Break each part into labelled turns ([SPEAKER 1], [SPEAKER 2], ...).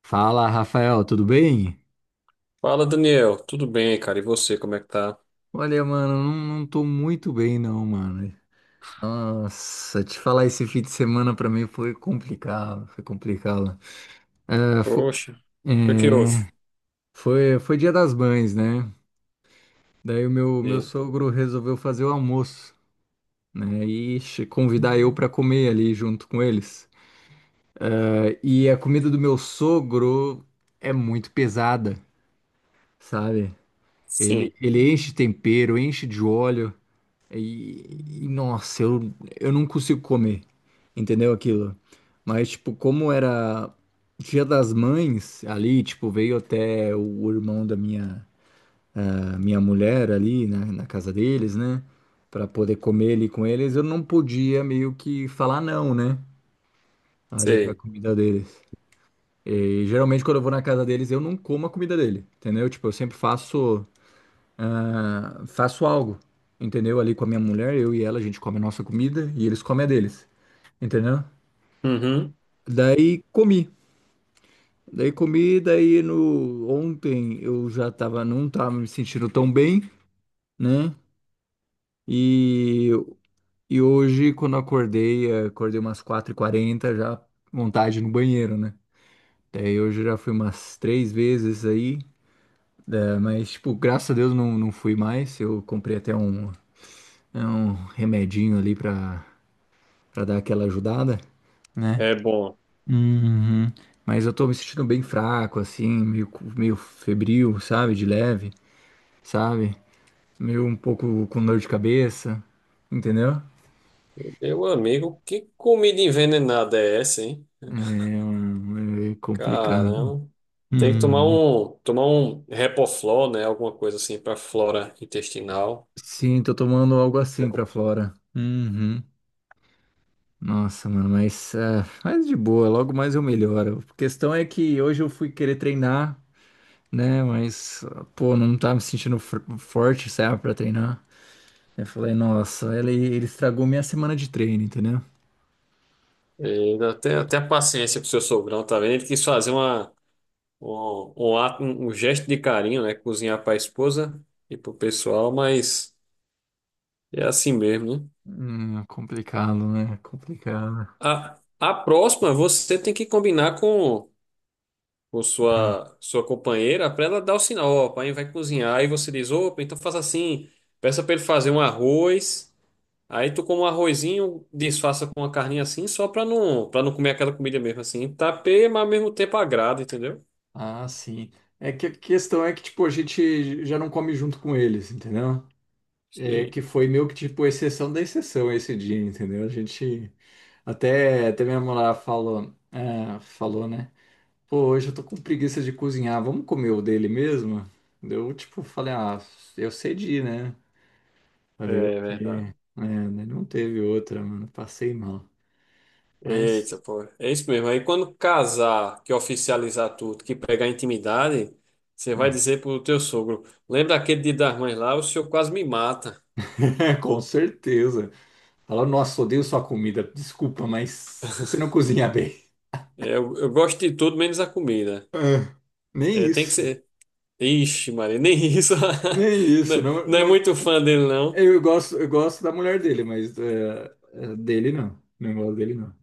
[SPEAKER 1] Fala, Rafael, tudo bem?
[SPEAKER 2] Fala, Daniel. Tudo bem, cara? E você, como é que tá?
[SPEAKER 1] Olha, mano, não, não tô muito bem não, mano. Nossa, te falar esse fim de semana pra mim foi complicado, foi complicado. É,
[SPEAKER 2] Poxa, o que que houve?
[SPEAKER 1] é, foi, foi Dia das Mães, né? Daí o meu
[SPEAKER 2] E-
[SPEAKER 1] sogro resolveu fazer o almoço, né? E convidar eu pra comer ali junto com eles. É, e a comida do meu sogro é muito pesada, sabe?
[SPEAKER 2] sim,
[SPEAKER 1] Ele enche de tempero, enche de óleo. Nossa, eu não consigo comer, entendeu aquilo? Mas, tipo, como era Dia das Mães ali, tipo, veio até o irmão da minha mulher ali na casa deles, né? Pra poder comer ali com eles, eu não podia meio que falar não, né? Ali pra
[SPEAKER 2] sei.
[SPEAKER 1] comida deles. E geralmente quando eu vou na casa deles, eu não como a comida dele, entendeu? Tipo, eu sempre faço ah, faço algo, entendeu? Ali com a minha mulher, eu e ela, a gente come a nossa comida e eles comem a deles, entendeu?
[SPEAKER 2] Uhum,
[SPEAKER 1] Daí comi. Daí comi, daí no ontem eu já tava, não tava me sentindo tão bem, né? E, e hoje, quando eu acordei, acordei umas 4:40 já vontade no banheiro, né? Daí hoje eu já fui umas três vezes aí, mas, tipo, graças a Deus não, não fui mais. Eu comprei até é um remedinho ali pra dar aquela ajudada, né?
[SPEAKER 2] é bom.
[SPEAKER 1] Uhum. Mas eu tô me sentindo bem fraco, assim, meio, meio febril, sabe? De leve, sabe? Meio um pouco com dor de cabeça, entendeu?
[SPEAKER 2] Meu amigo, que comida envenenada é essa, hein?
[SPEAKER 1] É, é complicado.
[SPEAKER 2] Caramba. Tem que tomar
[SPEAKER 1] Uhum.
[SPEAKER 2] tomar um Repoflor, né? Alguma coisa assim pra flora intestinal.
[SPEAKER 1] Sim, tô tomando algo
[SPEAKER 2] É
[SPEAKER 1] assim
[SPEAKER 2] com-
[SPEAKER 1] pra Flora. Uhum. Nossa, mano, mas, é, mas de boa, logo mais eu melhoro. A questão é que hoje eu fui querer treinar, né? Mas, pô, não tá me sentindo forte, sabe, pra treinar. Eu falei, nossa, ele estragou minha semana de treino, entendeu?
[SPEAKER 2] E até a paciência pro seu sogrão, tá vendo? Ele quis fazer um ato, um gesto de carinho, né? Cozinhar pra esposa e pro pessoal, mas é assim mesmo, né?
[SPEAKER 1] Complicado, né? Complicado.
[SPEAKER 2] A próxima você tem que combinar com sua companheira para ela dar o sinal, ó, o pai vai cozinhar e você diz, opa, então faça assim, peça para ele fazer um arroz, aí tu come um arrozinho, disfarça com uma carninha assim, só para não comer aquela comida mesmo assim, tapeia, mas ao mesmo tempo agrada, entendeu?
[SPEAKER 1] Ah, sim. É que a questão é que, tipo, a gente já não come junto com eles, entendeu? É que
[SPEAKER 2] Sim,
[SPEAKER 1] foi meio que, tipo, exceção da exceção esse dia, entendeu? A gente... Até, até minha mulher falou, ah, falou, né? Pô, hoje eu tô com preguiça de cozinhar, vamos comer o dele mesmo? Eu, tipo, falei, ah, eu cedi, né? Falei,
[SPEAKER 2] é verdade.
[SPEAKER 1] ok. É, né, não teve outra, mano, passei mal.
[SPEAKER 2] Eita,
[SPEAKER 1] Mas,
[SPEAKER 2] pô. É isso mesmo. Aí quando casar, que oficializar tudo, que pegar intimidade, você vai
[SPEAKER 1] ah,
[SPEAKER 2] dizer pro teu sogro, lembra aquele Dia das Mães lá, o senhor quase me mata.
[SPEAKER 1] com certeza. Fala, nossa, odeio sua comida. Desculpa, mas você não cozinha bem.
[SPEAKER 2] É, eu gosto de tudo menos a comida.
[SPEAKER 1] Ah, nem
[SPEAKER 2] É, tem que
[SPEAKER 1] isso.
[SPEAKER 2] ser. Ixi, Maria, nem isso.
[SPEAKER 1] Nem
[SPEAKER 2] Não,
[SPEAKER 1] isso. Não,
[SPEAKER 2] não é
[SPEAKER 1] não...
[SPEAKER 2] muito fã dele, não.
[SPEAKER 1] Eu gosto da mulher dele, mas é, dele não. Não gosto dele, não.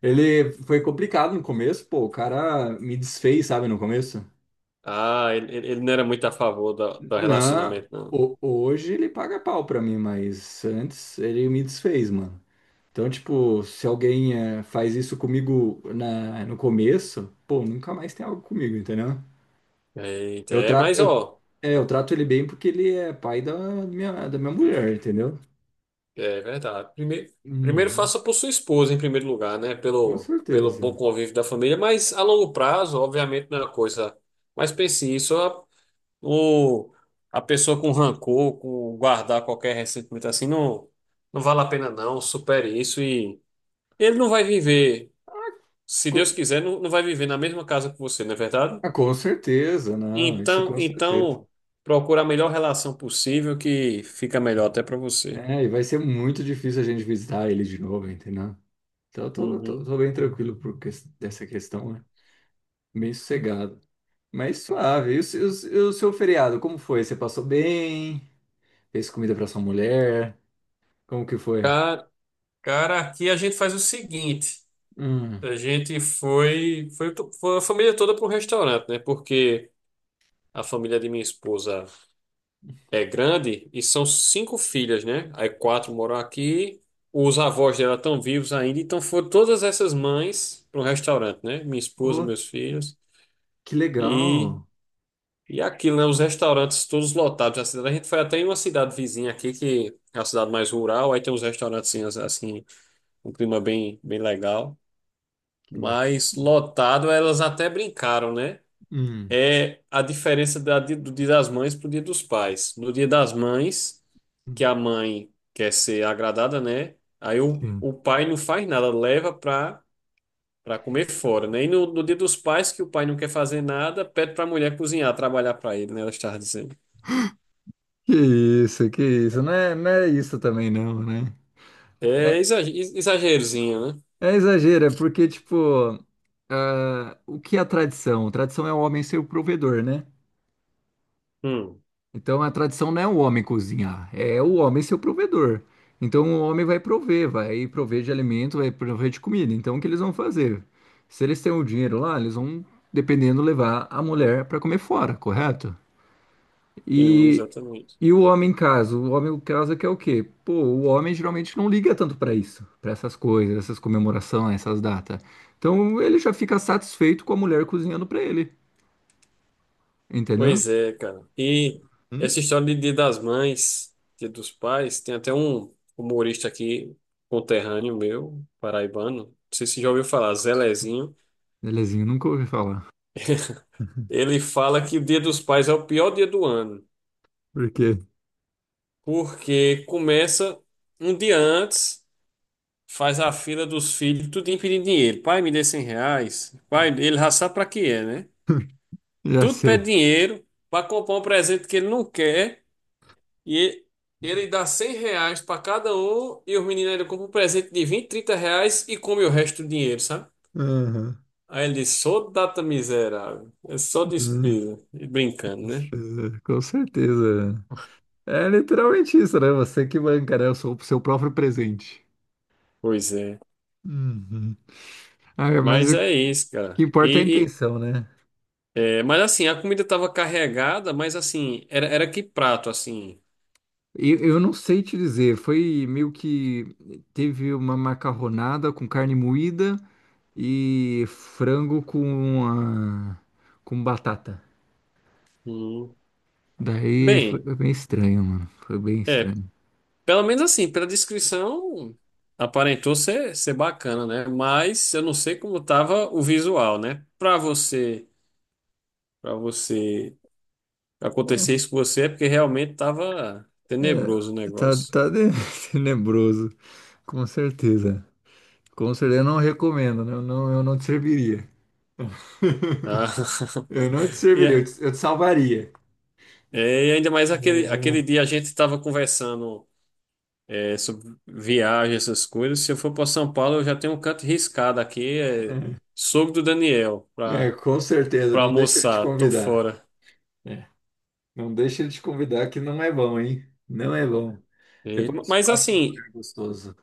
[SPEAKER 1] Ele foi complicado no começo, pô. O cara me desfez, sabe, no começo.
[SPEAKER 2] Ah, ele não era muito a favor do
[SPEAKER 1] Não,
[SPEAKER 2] relacionamento, não.
[SPEAKER 1] hoje ele paga pau pra mim, mas antes ele me desfez, mano. Então, tipo, se alguém faz isso comigo no começo, pô, nunca mais tem algo comigo, entendeu?
[SPEAKER 2] Eita,
[SPEAKER 1] Eu,
[SPEAKER 2] é,
[SPEAKER 1] tra
[SPEAKER 2] mas
[SPEAKER 1] eu,
[SPEAKER 2] ó.
[SPEAKER 1] eu trato ele bem porque ele é pai da minha mulher, entendeu?
[SPEAKER 2] É verdade. Primeiro, primeiro
[SPEAKER 1] Uhum.
[SPEAKER 2] faça por sua esposa, em primeiro lugar, né?
[SPEAKER 1] Com
[SPEAKER 2] Pelo bom
[SPEAKER 1] certeza.
[SPEAKER 2] convívio da família, mas a longo prazo, obviamente, não é uma coisa. Mas pense isso, o, a pessoa com rancor, com guardar qualquer ressentimento assim, não, não vale a pena, não. Supere isso e ele não vai viver,
[SPEAKER 1] Ah,
[SPEAKER 2] se Deus
[SPEAKER 1] Co-
[SPEAKER 2] quiser, não, não vai viver na mesma casa que você, não é verdade?
[SPEAKER 1] ah, com certeza, não, isso
[SPEAKER 2] Então,
[SPEAKER 1] com certeza.
[SPEAKER 2] então procura a melhor relação possível que fica melhor até para você.
[SPEAKER 1] É, e vai ser muito difícil a gente visitar ele de novo, entendeu? Então eu
[SPEAKER 2] Uhum.
[SPEAKER 1] tô bem tranquilo por dessa questão, né? Bem sossegado. Mas suave. E o seu feriado, como foi? Você passou bem? Fez comida pra sua mulher? Como que foi?
[SPEAKER 2] Cara, aqui a gente faz o seguinte:
[SPEAKER 1] Hum.
[SPEAKER 2] a gente foi a família toda pro restaurante, né? Porque a família de minha esposa é grande e são cinco filhas, né? Aí quatro moram aqui, os avós dela estão vivos ainda, então foram todas essas mães pro restaurante, né? Minha esposa,
[SPEAKER 1] Oh,
[SPEAKER 2] meus filhos
[SPEAKER 1] que
[SPEAKER 2] e,
[SPEAKER 1] legal.
[SPEAKER 2] e aquilo, né? Os restaurantes todos lotados na cidade. A gente foi até em uma cidade vizinha aqui, que é a cidade mais rural, aí tem uns restaurantes assim, um clima bem, bem legal.
[SPEAKER 1] Que
[SPEAKER 2] Mas
[SPEAKER 1] bacana.
[SPEAKER 2] lotado, elas até brincaram, né?
[SPEAKER 1] Hum.
[SPEAKER 2] É a diferença do Dia das Mães pro Dia dos Pais. No Dia das Mães, que a mãe quer ser agradada, né? Aí
[SPEAKER 1] Sim.
[SPEAKER 2] o pai não faz nada, leva para comer fora, né? E no Dia dos Pais, que o pai não quer fazer nada, pede para a mulher cozinhar, trabalhar para ele, né? Ela estava dizendo.
[SPEAKER 1] Que isso, que isso. Não é, não é isso também não, né? É,
[SPEAKER 2] Exagerozinho, né?
[SPEAKER 1] é exagero, é porque, tipo, ah, o que é a tradição? Tradição é o homem ser o provedor, né?
[SPEAKER 2] Hum,
[SPEAKER 1] Então a tradição não é o homem cozinhar, é o homem ser o provedor. Então o homem vai prover de alimento, vai prover de comida. Então o que eles vão fazer? Se eles têm o dinheiro lá, eles vão, dependendo, levar a mulher para comer fora, correto?
[SPEAKER 2] sim,
[SPEAKER 1] E,
[SPEAKER 2] exatamente.
[SPEAKER 1] e o homem em casa? O homem em casa que é o quê? Pô, o homem geralmente não liga tanto para isso, para essas coisas, essas comemorações, essas datas. Então ele já fica satisfeito com a mulher cozinhando para ele, entendeu?
[SPEAKER 2] Pois é, cara. E
[SPEAKER 1] Hum?
[SPEAKER 2] essa história de Dia das Mães, Dia dos Pais, tem até um humorista aqui, conterrâneo meu, paraibano, não sei se já ouviu falar, Zé Lezinho.
[SPEAKER 1] Belezinho, nunca ouvi falar.
[SPEAKER 2] Ele fala que o Dia dos Pais é o pior dia do ano,
[SPEAKER 1] Por quê?
[SPEAKER 2] porque começa um dia antes, faz a fila dos filhos, tudo pedindo dinheiro. Pai, me dê R$ 100. Pai, ele já sabe pra que é, né?
[SPEAKER 1] Já
[SPEAKER 2] Tudo pede
[SPEAKER 1] sei.
[SPEAKER 2] dinheiro para comprar um presente que ele não quer. E ele dá R$ 100 pra cada um e os meninos ele compra um presente de R$ 20, R$ 30 e come o resto do dinheiro, sabe?
[SPEAKER 1] Aham.
[SPEAKER 2] Aí ele disse, só data miserável, é só
[SPEAKER 1] Hum.
[SPEAKER 2] despesa. E brincando, né?
[SPEAKER 1] Com certeza. É literalmente isso, né? Você que banca, né? Eu sou o seu próprio presente.
[SPEAKER 2] Pois é.
[SPEAKER 1] Uhum. Ah, é, mas
[SPEAKER 2] Mas
[SPEAKER 1] o
[SPEAKER 2] é isso,
[SPEAKER 1] que
[SPEAKER 2] cara.
[SPEAKER 1] importa é a intenção, né?
[SPEAKER 2] É, mas assim, a comida tava carregada, mas assim, era que prato, assim?
[SPEAKER 1] Eu não sei te dizer, foi meio que teve uma macarronada com carne moída e frango com batata.
[SPEAKER 2] Hum.
[SPEAKER 1] Daí
[SPEAKER 2] Bem,
[SPEAKER 1] foi bem estranho, mano. Foi bem
[SPEAKER 2] é,
[SPEAKER 1] estranho.
[SPEAKER 2] pelo menos assim, pela descrição, aparentou ser bacana, né? Mas eu não sei como tava o visual, né? Pra você. Para você
[SPEAKER 1] Bom,
[SPEAKER 2] acontecer isso com você é porque realmente estava tenebroso o
[SPEAKER 1] é,
[SPEAKER 2] negócio.
[SPEAKER 1] tá tenebroso. Com certeza. Com certeza, eu não recomendo, né? Eu não, eu não te serviria.
[SPEAKER 2] Ah,
[SPEAKER 1] Eu não te
[SPEAKER 2] e,
[SPEAKER 1] serviria,
[SPEAKER 2] é-
[SPEAKER 1] eu te salvaria.
[SPEAKER 2] é, e ainda mais aquele dia a gente estava conversando é, sobre viagem, essas coisas. Se eu for para São Paulo, eu já tenho um canto riscado aqui, é, sogro do Daniel,
[SPEAKER 1] É, é, com certeza,
[SPEAKER 2] para
[SPEAKER 1] não deixa ele te
[SPEAKER 2] almoçar, tô
[SPEAKER 1] convidar.
[SPEAKER 2] fora.
[SPEAKER 1] É, não deixa ele te convidar, que não é bom, hein? Não é bom. Depois eu te
[SPEAKER 2] Mas
[SPEAKER 1] passo um
[SPEAKER 2] assim,
[SPEAKER 1] lugar gostoso.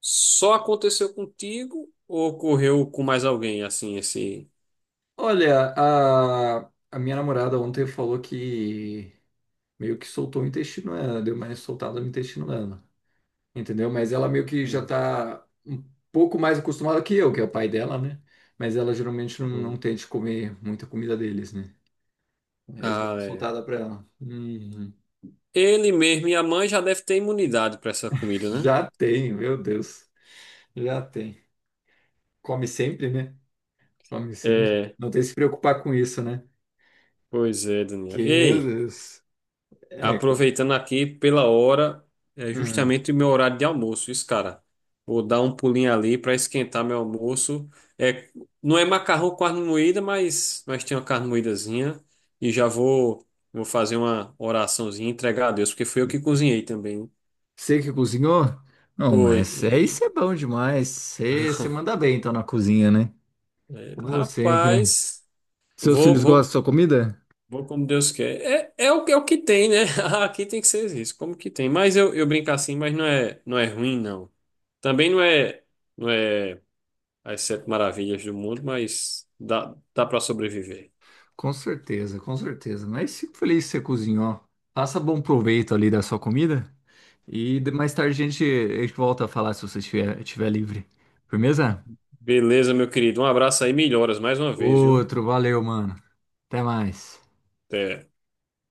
[SPEAKER 2] só aconteceu contigo ou ocorreu com mais alguém assim esse?
[SPEAKER 1] Olha, a minha namorada ontem falou que meio que soltou o intestino dela, deu mais soltada no intestino dela. Entendeu? Mas ela meio que já
[SPEAKER 2] Hum,
[SPEAKER 1] tá um pouco mais acostumada que eu, que é o pai dela, né? Mas ela geralmente não, não
[SPEAKER 2] hum.
[SPEAKER 1] tende comer muita comida deles, né? Aí eles dão
[SPEAKER 2] Ah,
[SPEAKER 1] uma
[SPEAKER 2] é.
[SPEAKER 1] soltada pra ela.
[SPEAKER 2] Ele mesmo e a mãe já deve ter imunidade para essa comida, né?
[SPEAKER 1] Já tem, meu Deus. Já tem. Come sempre, né? Come sempre.
[SPEAKER 2] É,
[SPEAKER 1] Não tem que se preocupar com isso, né?
[SPEAKER 2] pois é, Daniel.
[SPEAKER 1] Que, meu
[SPEAKER 2] Ei,
[SPEAKER 1] Deus. É, co-
[SPEAKER 2] aproveitando aqui pela hora, é
[SPEAKER 1] hum.
[SPEAKER 2] justamente o meu horário de almoço, isso, cara. Vou dar um pulinho ali para esquentar meu almoço. É, não é macarrão com carne moída, mas tem uma carne moídazinha. E já vou fazer uma oraçãozinha e entregar a Deus, porque fui eu que cozinhei também.
[SPEAKER 1] Você que cozinhou? Não,
[SPEAKER 2] Foi.
[SPEAKER 1] mas é isso é bom demais. Você, você manda bem, então, na cozinha, né?
[SPEAKER 2] É,
[SPEAKER 1] Como sempre.
[SPEAKER 2] rapaz,
[SPEAKER 1] Seus
[SPEAKER 2] vou,
[SPEAKER 1] filhos gostam da
[SPEAKER 2] vou
[SPEAKER 1] sua comida?
[SPEAKER 2] vou como Deus quer. É o que tem, né? Aqui tem que ser isso, como que tem. Mas eu brinco assim, mas não é, não é ruim, não. Também não é, não é as sete maravilhas do mundo, mas dá, dá para sobreviver.
[SPEAKER 1] Com certeza, com certeza. Mas fico feliz que você cozinhou. Faça bom proveito ali da sua comida. Mais tarde a gente volta a falar se você estiver livre. Firmeza?
[SPEAKER 2] Beleza, meu querido. Um abraço aí, melhoras mais uma vez, viu?
[SPEAKER 1] Outro, valeu, mano. Até mais.
[SPEAKER 2] Até.